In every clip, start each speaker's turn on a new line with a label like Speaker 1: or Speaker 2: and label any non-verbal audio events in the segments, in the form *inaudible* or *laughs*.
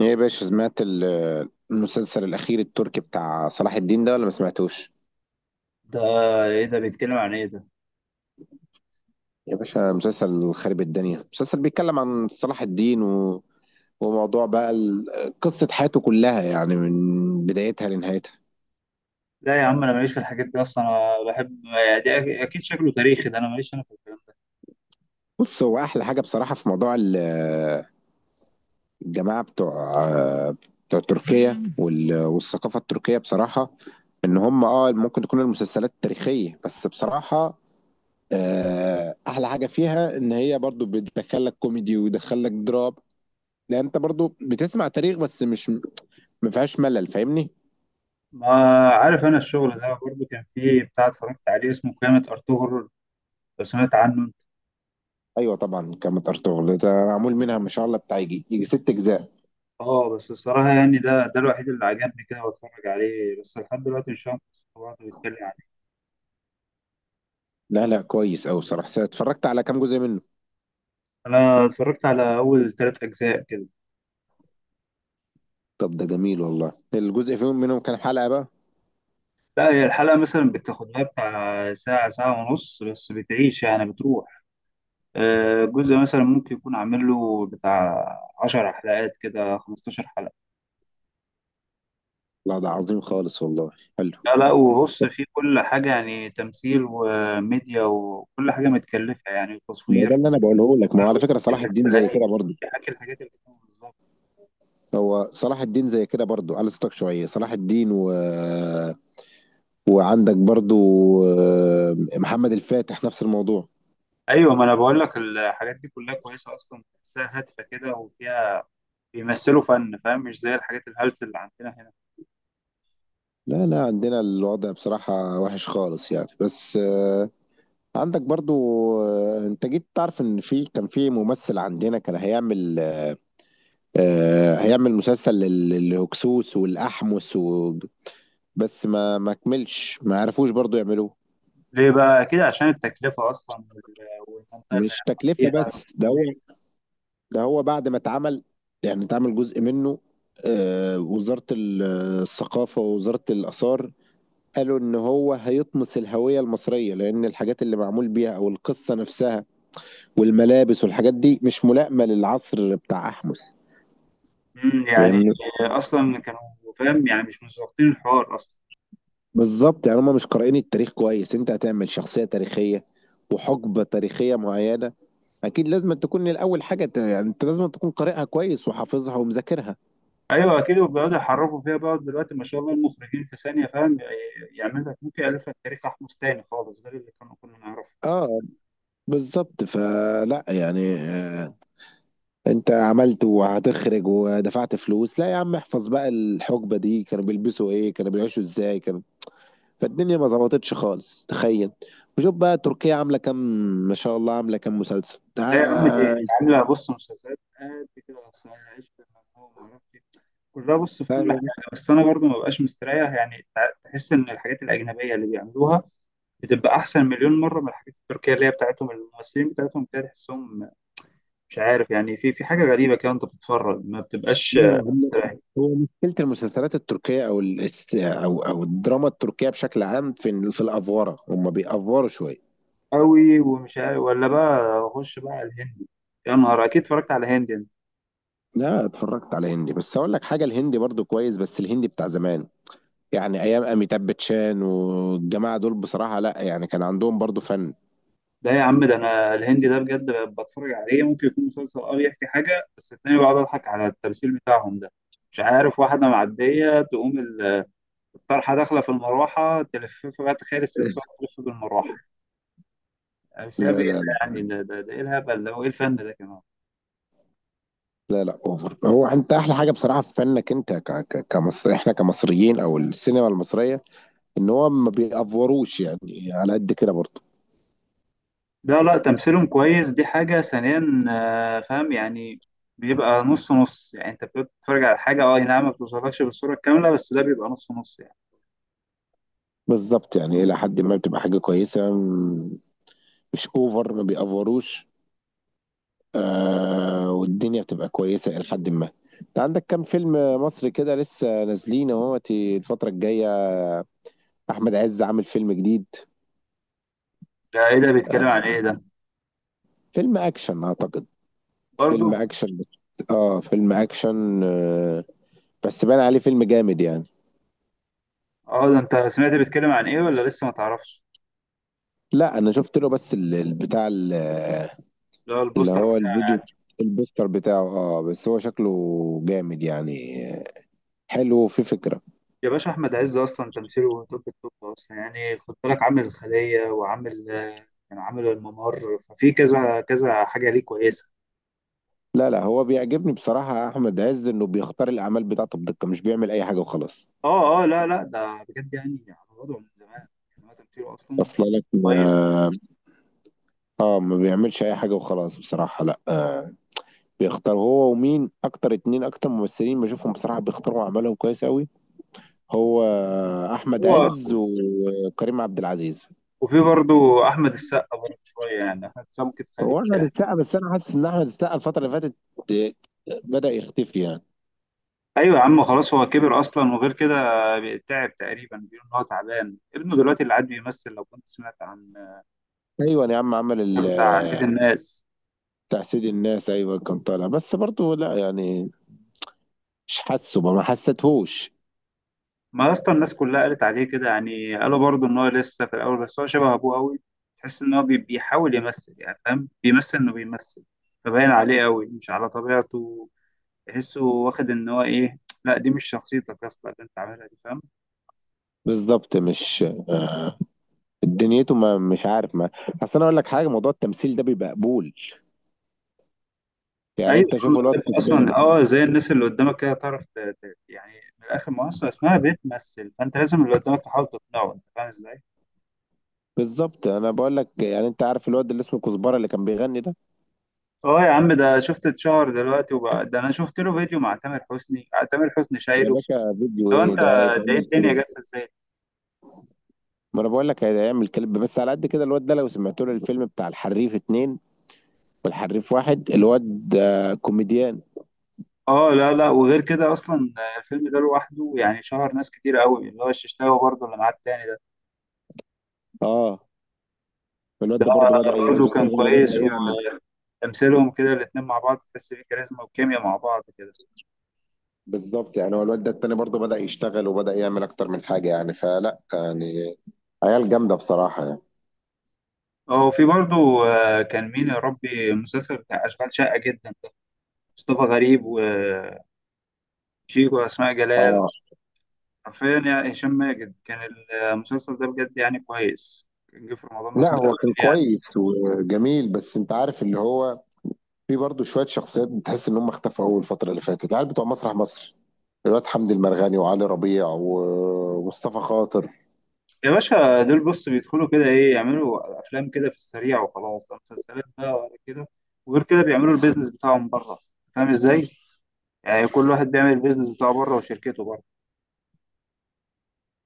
Speaker 1: ايه يا باشا، سمعت المسلسل الاخير التركي بتاع صلاح الدين ده ولا ما سمعتوش؟
Speaker 2: ده ايه ده بيتكلم عن ايه ده؟
Speaker 1: يا باشا مسلسل خارب الدنيا، مسلسل بيتكلم عن صلاح الدين وموضوع بقى قصة حياته كلها، يعني من بدايتها لنهايتها.
Speaker 2: لا يا عم، انا ماليش في الحاجات دي اصلا، انا بحب يعني دي اكيد شكله تاريخي ده، انا ماليش انا في الكلام ده.
Speaker 1: بص، هو احلى حاجة بصراحة في موضوع الجماعة بتوع تركيا والثقافة التركية بصراحة. ان هم ممكن تكون المسلسلات تاريخية، بس بصراحة احلى حاجه فيها ان هي برضو بتدخلك كوميدي ويدخلك دراما. لا، انت برضو بتسمع تاريخ، بس مش، ما فيهاش ملل. فاهمني؟
Speaker 2: ما عارف، انا الشغل ده برضو كان فيه بتاع اتفرجت عليه اسمه قيامة ارطغرل، لو سمعت عنه انت.
Speaker 1: ايوه طبعا، كامت ارطغرل ده معمول منها ما شاء الله بتاع يجي 6 اجزاء.
Speaker 2: اه بس الصراحة يعني ده الوحيد اللي عجبني كده واتفرج عليه، بس لحد دلوقتي مش فاهم قصته بعض بيتكلم عن ايه.
Speaker 1: لا، لا، كويس قوي صراحه، اتفرجت على كام جزء منه.
Speaker 2: انا اتفرجت على اول ثلاث اجزاء كده.
Speaker 1: طب ده جميل والله، الجزء منهم كام حلقه بقى؟
Speaker 2: لا هي الحلقة مثلا بتاخد لها بتاع ساعة ونص، بس بتعيش يعني بتروح. الجزء مثلا ممكن يكون عامل له بتاع 10 حلقات كده، 15 حلقة.
Speaker 1: لا ده عظيم خالص والله. حلو.
Speaker 2: لا لا، وبص في كل حاجة يعني تمثيل وميديا وكل حاجة متكلفة يعني،
Speaker 1: ما هو ده
Speaker 2: وتصوير.
Speaker 1: اللي انا بقوله لك، ما هو
Speaker 2: كله
Speaker 1: على فكره
Speaker 2: بيحكي
Speaker 1: صلاح الدين
Speaker 2: الحاجات
Speaker 1: زي
Speaker 2: القديمة،
Speaker 1: كده برضو.
Speaker 2: بيحكي الحاجات القديمة بالظبط.
Speaker 1: هو صلاح الدين زي كده برضو، على صوتك شويه. صلاح الدين وعندك برضو محمد الفاتح نفس الموضوع.
Speaker 2: أيوة، ما أنا بقول لك الحاجات دي كلها كويسة أصلا، تحسها هادفة كده وفيها بيمثلوا فن، فاهم؟ مش زي الحاجات الهلس اللي عندنا هنا.
Speaker 1: لا، لا، عندنا الوضع بصراحة وحش خالص يعني، بس عندك برضو. انت جيت تعرف ان كان في ممثل عندنا كان هيعمل هيعمل مسلسل للهكسوس والأحمس بس ما كملش، ما عرفوش برضو يعملوه.
Speaker 2: ليه بقى كده؟ عشان التكلفة أصلا والمنطقة اللي
Speaker 1: مش
Speaker 2: هيعملوا
Speaker 1: تكلفة
Speaker 2: فيها.
Speaker 1: بس، ده هو بعد ما اتعمل، يعني اتعمل جزء منه. وزارة الثقافة ووزارة الآثار قالوا إن هو هيطمس الهوية المصرية، لأن الحاجات اللي معمول بيها أو القصة نفسها والملابس والحاجات دي مش ملائمة للعصر بتاع أحمس.
Speaker 2: يعني
Speaker 1: فاهمني؟
Speaker 2: اصلا كانوا فاهم يعني مش مظبطين الحوار اصلا.
Speaker 1: بالظبط، يعني هم مش قارئين التاريخ كويس. انت هتعمل شخصية تاريخية وحقبة تاريخية معينة، أكيد لازم تكون الأول حاجة يعني أنت لازم تكون قارئها كويس وحافظها ومذاكرها.
Speaker 2: ايوه اكيد، وبيقعدوا يحرفوا فيها بقى دلوقتي، ما شاء الله المخرجين في ثانيه، فاهم؟ يعمل لك ممكن يالف لك تاريخ احمس تاني خالص غير اللي كانوا كنا نعرفه.
Speaker 1: اه بالظبط، فلا يعني انت عملت وهتخرج ودفعت فلوس، لا يا عم، احفظ بقى. الحقبة دي كانوا بيلبسوا ايه، كانوا بيعيشوا ازاي، كانوا. فالدنيا ما ظبطتش خالص، تخيل. وشوف بقى تركيا عامله كام، ما شاء الله عامله كام مسلسل
Speaker 2: لا يا عم دي عامله بص مسلسلات قد كده اصلا، انا عشت. هو ما اعرفش إيه. كلها بص في كل
Speaker 1: لا،
Speaker 2: حاجه، بس انا برضو ما بقاش مستريح يعني، تحس ان الحاجات الاجنبيه اللي بيعملوها بتبقى احسن مليون مره من الحاجات التركيه اللي هي بتاعتهم، الممثلين بتاعتهم كده تحسهم مش عارف يعني، في حاجة غريبة كده، أنت بتتفرج ما بتبقاش
Speaker 1: لا،
Speaker 2: مستريح.
Speaker 1: هو مشكله المسلسلات التركيه، او الاس- او او الدراما التركيه بشكل عام، في الافوره هم بيأفوروا شويه.
Speaker 2: قوي، ومش عارف ولا بقى أخش بقى على الهندي. يا نهار، أكيد اتفرجت على هندي أنت.
Speaker 1: لا، اتفرجت على هندي، بس اقول لك حاجه، الهندي برضو كويس بس الهندي بتاع زمان، يعني ايام اميتاب باتشان والجماعه دول بصراحه. لا يعني، كان عندهم برضو فن.
Speaker 2: ده يا عم ده أنا الهندي ده بجد بتفرج عليه ممكن يكون مسلسل أه بيحكي حاجة، بس التاني بقعد أضحك على التمثيل بتاعهم ده. مش عارف واحدة معدية تقوم الطرحة داخلة في المروحة تلففها، بقى تخيل الست بقى
Speaker 1: *laughs*
Speaker 2: تلف بالمروحة. أنا مش فاهم إيه
Speaker 1: لا،
Speaker 2: ده
Speaker 1: لا،
Speaker 2: يعني، ده إيه الهبل ده وإيه الفن ده كمان؟
Speaker 1: لا، لا اوفر. هو انت احلى حاجه بصراحه في فنك انت كمصر، احنا كمصريين او السينما المصريه، ان هو ما بيأفوروش يعني، على قد كده برضه.
Speaker 2: لا لا، تمثيلهم كويس دي حاجة، ثانيا فاهم يعني بيبقى نص نص يعني، انت بتبقى بتتفرج على حاجة اه أي نعم ما بتوصلكش بالصورة الكاملة، بس ده بيبقى نص نص يعني.
Speaker 1: بالظبط، يعني الى حد ما بتبقى حاجه كويسه، مش اوفر، ما بيأفوروش. آه، والدنيا بتبقى كويسه الى حد ما. انت عندك كام فيلم مصري كده لسه نازلين اهوت الفتره الجايه. احمد عز عامل فيلم جديد.
Speaker 2: ده ايه ده بيتكلم عن ايه ده؟
Speaker 1: فيلم اكشن اعتقد.
Speaker 2: برضو.
Speaker 1: فيلم اكشن بس. اه فيلم اكشن بس بان عليه فيلم جامد يعني.
Speaker 2: اه ده انت سمعت بيتكلم عن ايه ولا لسه ما تعرفش؟
Speaker 1: لا، انا شفت له بس بتاع
Speaker 2: لا
Speaker 1: اللي
Speaker 2: البوستر
Speaker 1: هو
Speaker 2: بتاعه
Speaker 1: الفيديو.
Speaker 2: يعني.
Speaker 1: البوستر بتاعه، بس هو شكله جامد يعني. حلو وفي فكرة.
Speaker 2: يا باشا احمد عز اصلا تمثيله توب التوب اصلا يعني، خد بالك عامل الخلية وعامل كان عامل الممر، ففي كذا كذا حاجة ليه كويسة.
Speaker 1: لا، لا، هو بيعجبني بصراحة احمد عز، انه بيختار الاعمال بتاعته بدقة، مش بيعمل اي حاجة وخلاص.
Speaker 2: اه اه، لا لا ده بجد يعني على وضعه من زمان، يعني هو تمثيله اصلا
Speaker 1: اصلا لك
Speaker 2: كويس.
Speaker 1: ما. اه، ما بيعملش اي حاجة وخلاص بصراحة. لا بيختار. هو ومين اكتر، اتنين اكتر ممثلين بشوفهم بصراحة بيختاروا اعمالهم كويس قوي، هو احمد
Speaker 2: هو
Speaker 1: عز وكريم عبد العزيز.
Speaker 2: وفي برضو احمد السقا، برضو شويه يعني احمد السقا ممكن تخليه
Speaker 1: هو احمد
Speaker 2: تعب.
Speaker 1: السقا، بس انا حاسس ان احمد السقا الفتره اللي فاتت بدأ يختفي يعني.
Speaker 2: ايوه يا عم خلاص، هو كبر اصلا، وغير كده تعب تقريبا، بيقول ان هو تعبان، ابنه دلوقتي اللي قاعد بيمثل لو كنت سمعت عن
Speaker 1: ايوه يا عم، عمل
Speaker 2: بتاع سيد الناس.
Speaker 1: بتاع سيد الناس. ايوه كان طالع، بس برضه لا يعني مش حاسه بقى، ما حسيتهوش.
Speaker 2: ما اصلا الناس كلها قالت عليه كده يعني، قالوا برضو ان هو لسه في الاول، بس هو شبه ابوه قوي. تحس ان هو بيحاول يمثل يعني، فاهم؟ بيمثل انه بيمثل، فباين عليه قوي مش على طبيعته. تحسه واخد ان هو ايه، لا دي مش شخصيتك يا اسطى اللي انت عاملها دي، فاهم؟
Speaker 1: بالظبط، مش دنيته، ما، مش عارف، ما. اصل انا اقول لك حاجه، موضوع التمثيل ده بيبقى قبول، يعني
Speaker 2: ايوه
Speaker 1: انت شوف الواد
Speaker 2: بتبقى
Speaker 1: كزبره.
Speaker 2: اصلا اه زي الناس اللي قدامك كده تعرف يعني من الاخر منصه اسمها بتمثل، فانت لازم اللي قدامك تحاول تقنعه، انت فاهم ازاي؟
Speaker 1: بالظبط، انا بقول لك يعني، انت عارف الواد اللي اسمه كزبره اللي كان بيغني ده؟
Speaker 2: اه يا عم ده شفت، اتشهر دلوقتي وبقى ده، انا شفت له فيديو مع تامر حسني، تامر حسني
Speaker 1: يا
Speaker 2: شايله.
Speaker 1: باشا، فيديو
Speaker 2: لو
Speaker 1: ايه
Speaker 2: انت
Speaker 1: ده،
Speaker 2: ده إيه
Speaker 1: هيتعمل
Speaker 2: الدنيا
Speaker 1: كليب؟
Speaker 2: جت ازاي؟
Speaker 1: ما انا بقول لك هيعمل كليب، بس على قد كده الواد ده لو سمعت له الفيلم بتاع الحريف اتنين والحريف واحد، الواد كوميديان.
Speaker 2: اه لا لا، وغير كده اصلا الفيلم ده لوحده يعني شهر ناس كتير قوي، اللي هو الششتاوي برضه اللي معاه التاني ده.
Speaker 1: اه، الواد
Speaker 2: ده
Speaker 1: ده برضه بدأ
Speaker 2: برضه كان
Speaker 1: يشتغل وبدأ
Speaker 2: كويس،
Speaker 1: يعمل.
Speaker 2: وتمثيلهم كده الاتنين مع بعض تحس بيه كاريزما وكيميا مع بعض كده.
Speaker 1: بالظبط، يعني هو الواد ده التاني برضه بدأ يشتغل وبدأ يعمل أكتر من حاجة يعني، فلا يعني عيال جامدة بصراحة يعني.
Speaker 2: اه وفي برضو كان مين يا ربي المسلسل بتاع أشغال شاقة جدا ده؟ مصطفى غريب وشيكو وأسماء جلال،
Speaker 1: اه،
Speaker 2: حرفيا يعني هشام ماجد كان. المسلسل ده بجد يعني كويس، كان جه في رمضان، بس
Speaker 1: لا
Speaker 2: ده
Speaker 1: هو
Speaker 2: أول
Speaker 1: كان
Speaker 2: يعني.
Speaker 1: كويس وجميل، بس انت عارف اللي هو في برضه شوية شخصيات بتحس ان هم اختفوا اول الفترة اللي فاتت، العيال بتوع مسرح مصر، الواد حمدي المرغني وعلي ربيع ومصطفى خاطر.
Speaker 2: يا باشا دول بص بيدخلوا كده إيه يعملوا أفلام كده في السريع وخلاص، ده مسلسلات بقى ولا كده، وغير كده بيعملوا البيزنس بتاعهم بره، فاهم إزاي؟ يعني كل واحد بيعمل البيزنس بتاعه بره وشركته بره.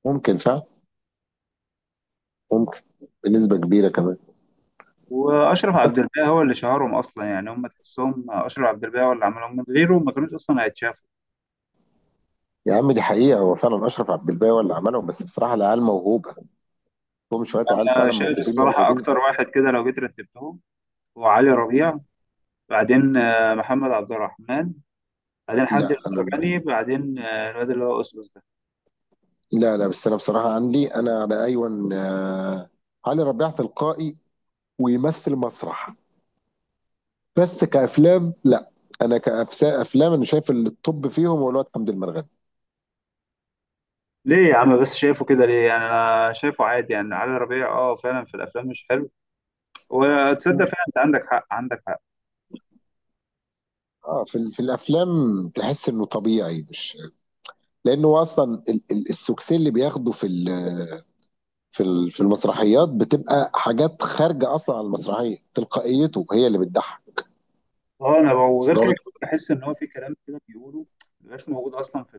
Speaker 1: ممكن فاهم. ممكن. بنسبة كبيرة كمان.
Speaker 2: واشرف عبد الباقي هو اللي شهرهم اصلا يعني، هم تحسهم اشرف عبد الباقي هو اللي عملهم، من غيره ما كانوش اصلا هيتشافوا.
Speaker 1: يا عم، دي حقيقة هو فعلا أشرف عبد الباقي هو اللي عملهم، بس بصراحة العيال موهوبة، هم شوية عيال
Speaker 2: انا
Speaker 1: فعلا
Speaker 2: شايف
Speaker 1: موهوبين
Speaker 2: الصراحه
Speaker 1: موهوبين.
Speaker 2: اكتر واحد كده لو جيت رتبتهم هو علي ربيع، بعدين محمد عبد الرحمن، بعدين حمدي
Speaker 1: لا أنا.
Speaker 2: المرجاني، بعدين الواد اللي هو اسلوس ده.
Speaker 1: لا، لا، بس أنا بصراحة عندي أنا على أيون، علي ربيع تلقائي ويمثل مسرح، بس كأفلام لا. أنا كأفلام أنا شايف التوب فيهم هو الواد حمدي المرغني.
Speaker 2: ليه يا عم بس شايفه كده ليه؟ يعني انا شايفه عادي يعني، علي ربيع اه فعلا في الافلام مش حلو، وتصدق فعلا انت عندك حق، عندك حق.
Speaker 1: اه، في الافلام تحس انه طبيعي مش، لانه اصلا السكسي اللي بياخده في المسرحيات بتبقى حاجات خارجه اصلا عن المسرحيه، تلقائيته هي اللي بتضحك.
Speaker 2: اه انا وغير
Speaker 1: أصل
Speaker 2: كده
Speaker 1: أنا-
Speaker 2: بحس ان هو في كلام كده بيقوله مبيبقاش موجود اصلا في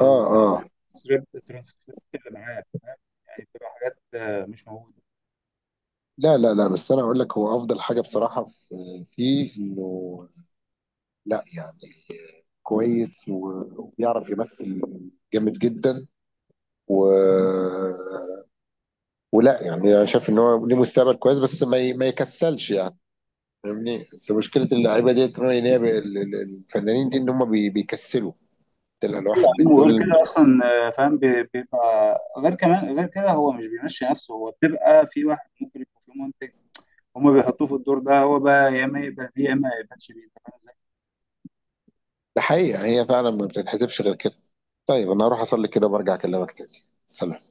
Speaker 1: اه، اه،
Speaker 2: تسريب الترانسكريبت اللي معاه، فاهم؟ يعني بتبقى حاجات مش موجوده.
Speaker 1: لا، لا، لا، بس انا اقول لك، هو افضل حاجه بصراحه في فيه انه لا يعني كويس وبيعرف يمثل جامد جدا و ولا يعني، انا شايف ان هو ليه مستقبل كويس بس ما يكسلش يعني. فاهمني؟ بس مشكله اللعيبه ديت، ان هو إن هي الفنانين دي ان هم بيكسلوا، تلقى
Speaker 2: أيوة
Speaker 1: الواحد
Speaker 2: يا
Speaker 1: من
Speaker 2: عم،
Speaker 1: دول.
Speaker 2: وغير كده اصلا فاهم بيبقى غير كمان، غير كده هو مش بيمشي نفسه، هو بتبقى في واحد مخرج وفي منتج، هما بيحطوه في الدور ده، هو بقى يا اما يقبل بيه يا اما ما يقبلش بيه، انت فاهم ازاي؟
Speaker 1: ده حقيقة هي فعلا ما بتتحسبش غير كده. طيب، أنا هروح أصلي كده وبرجع أكلمك تاني. سلام.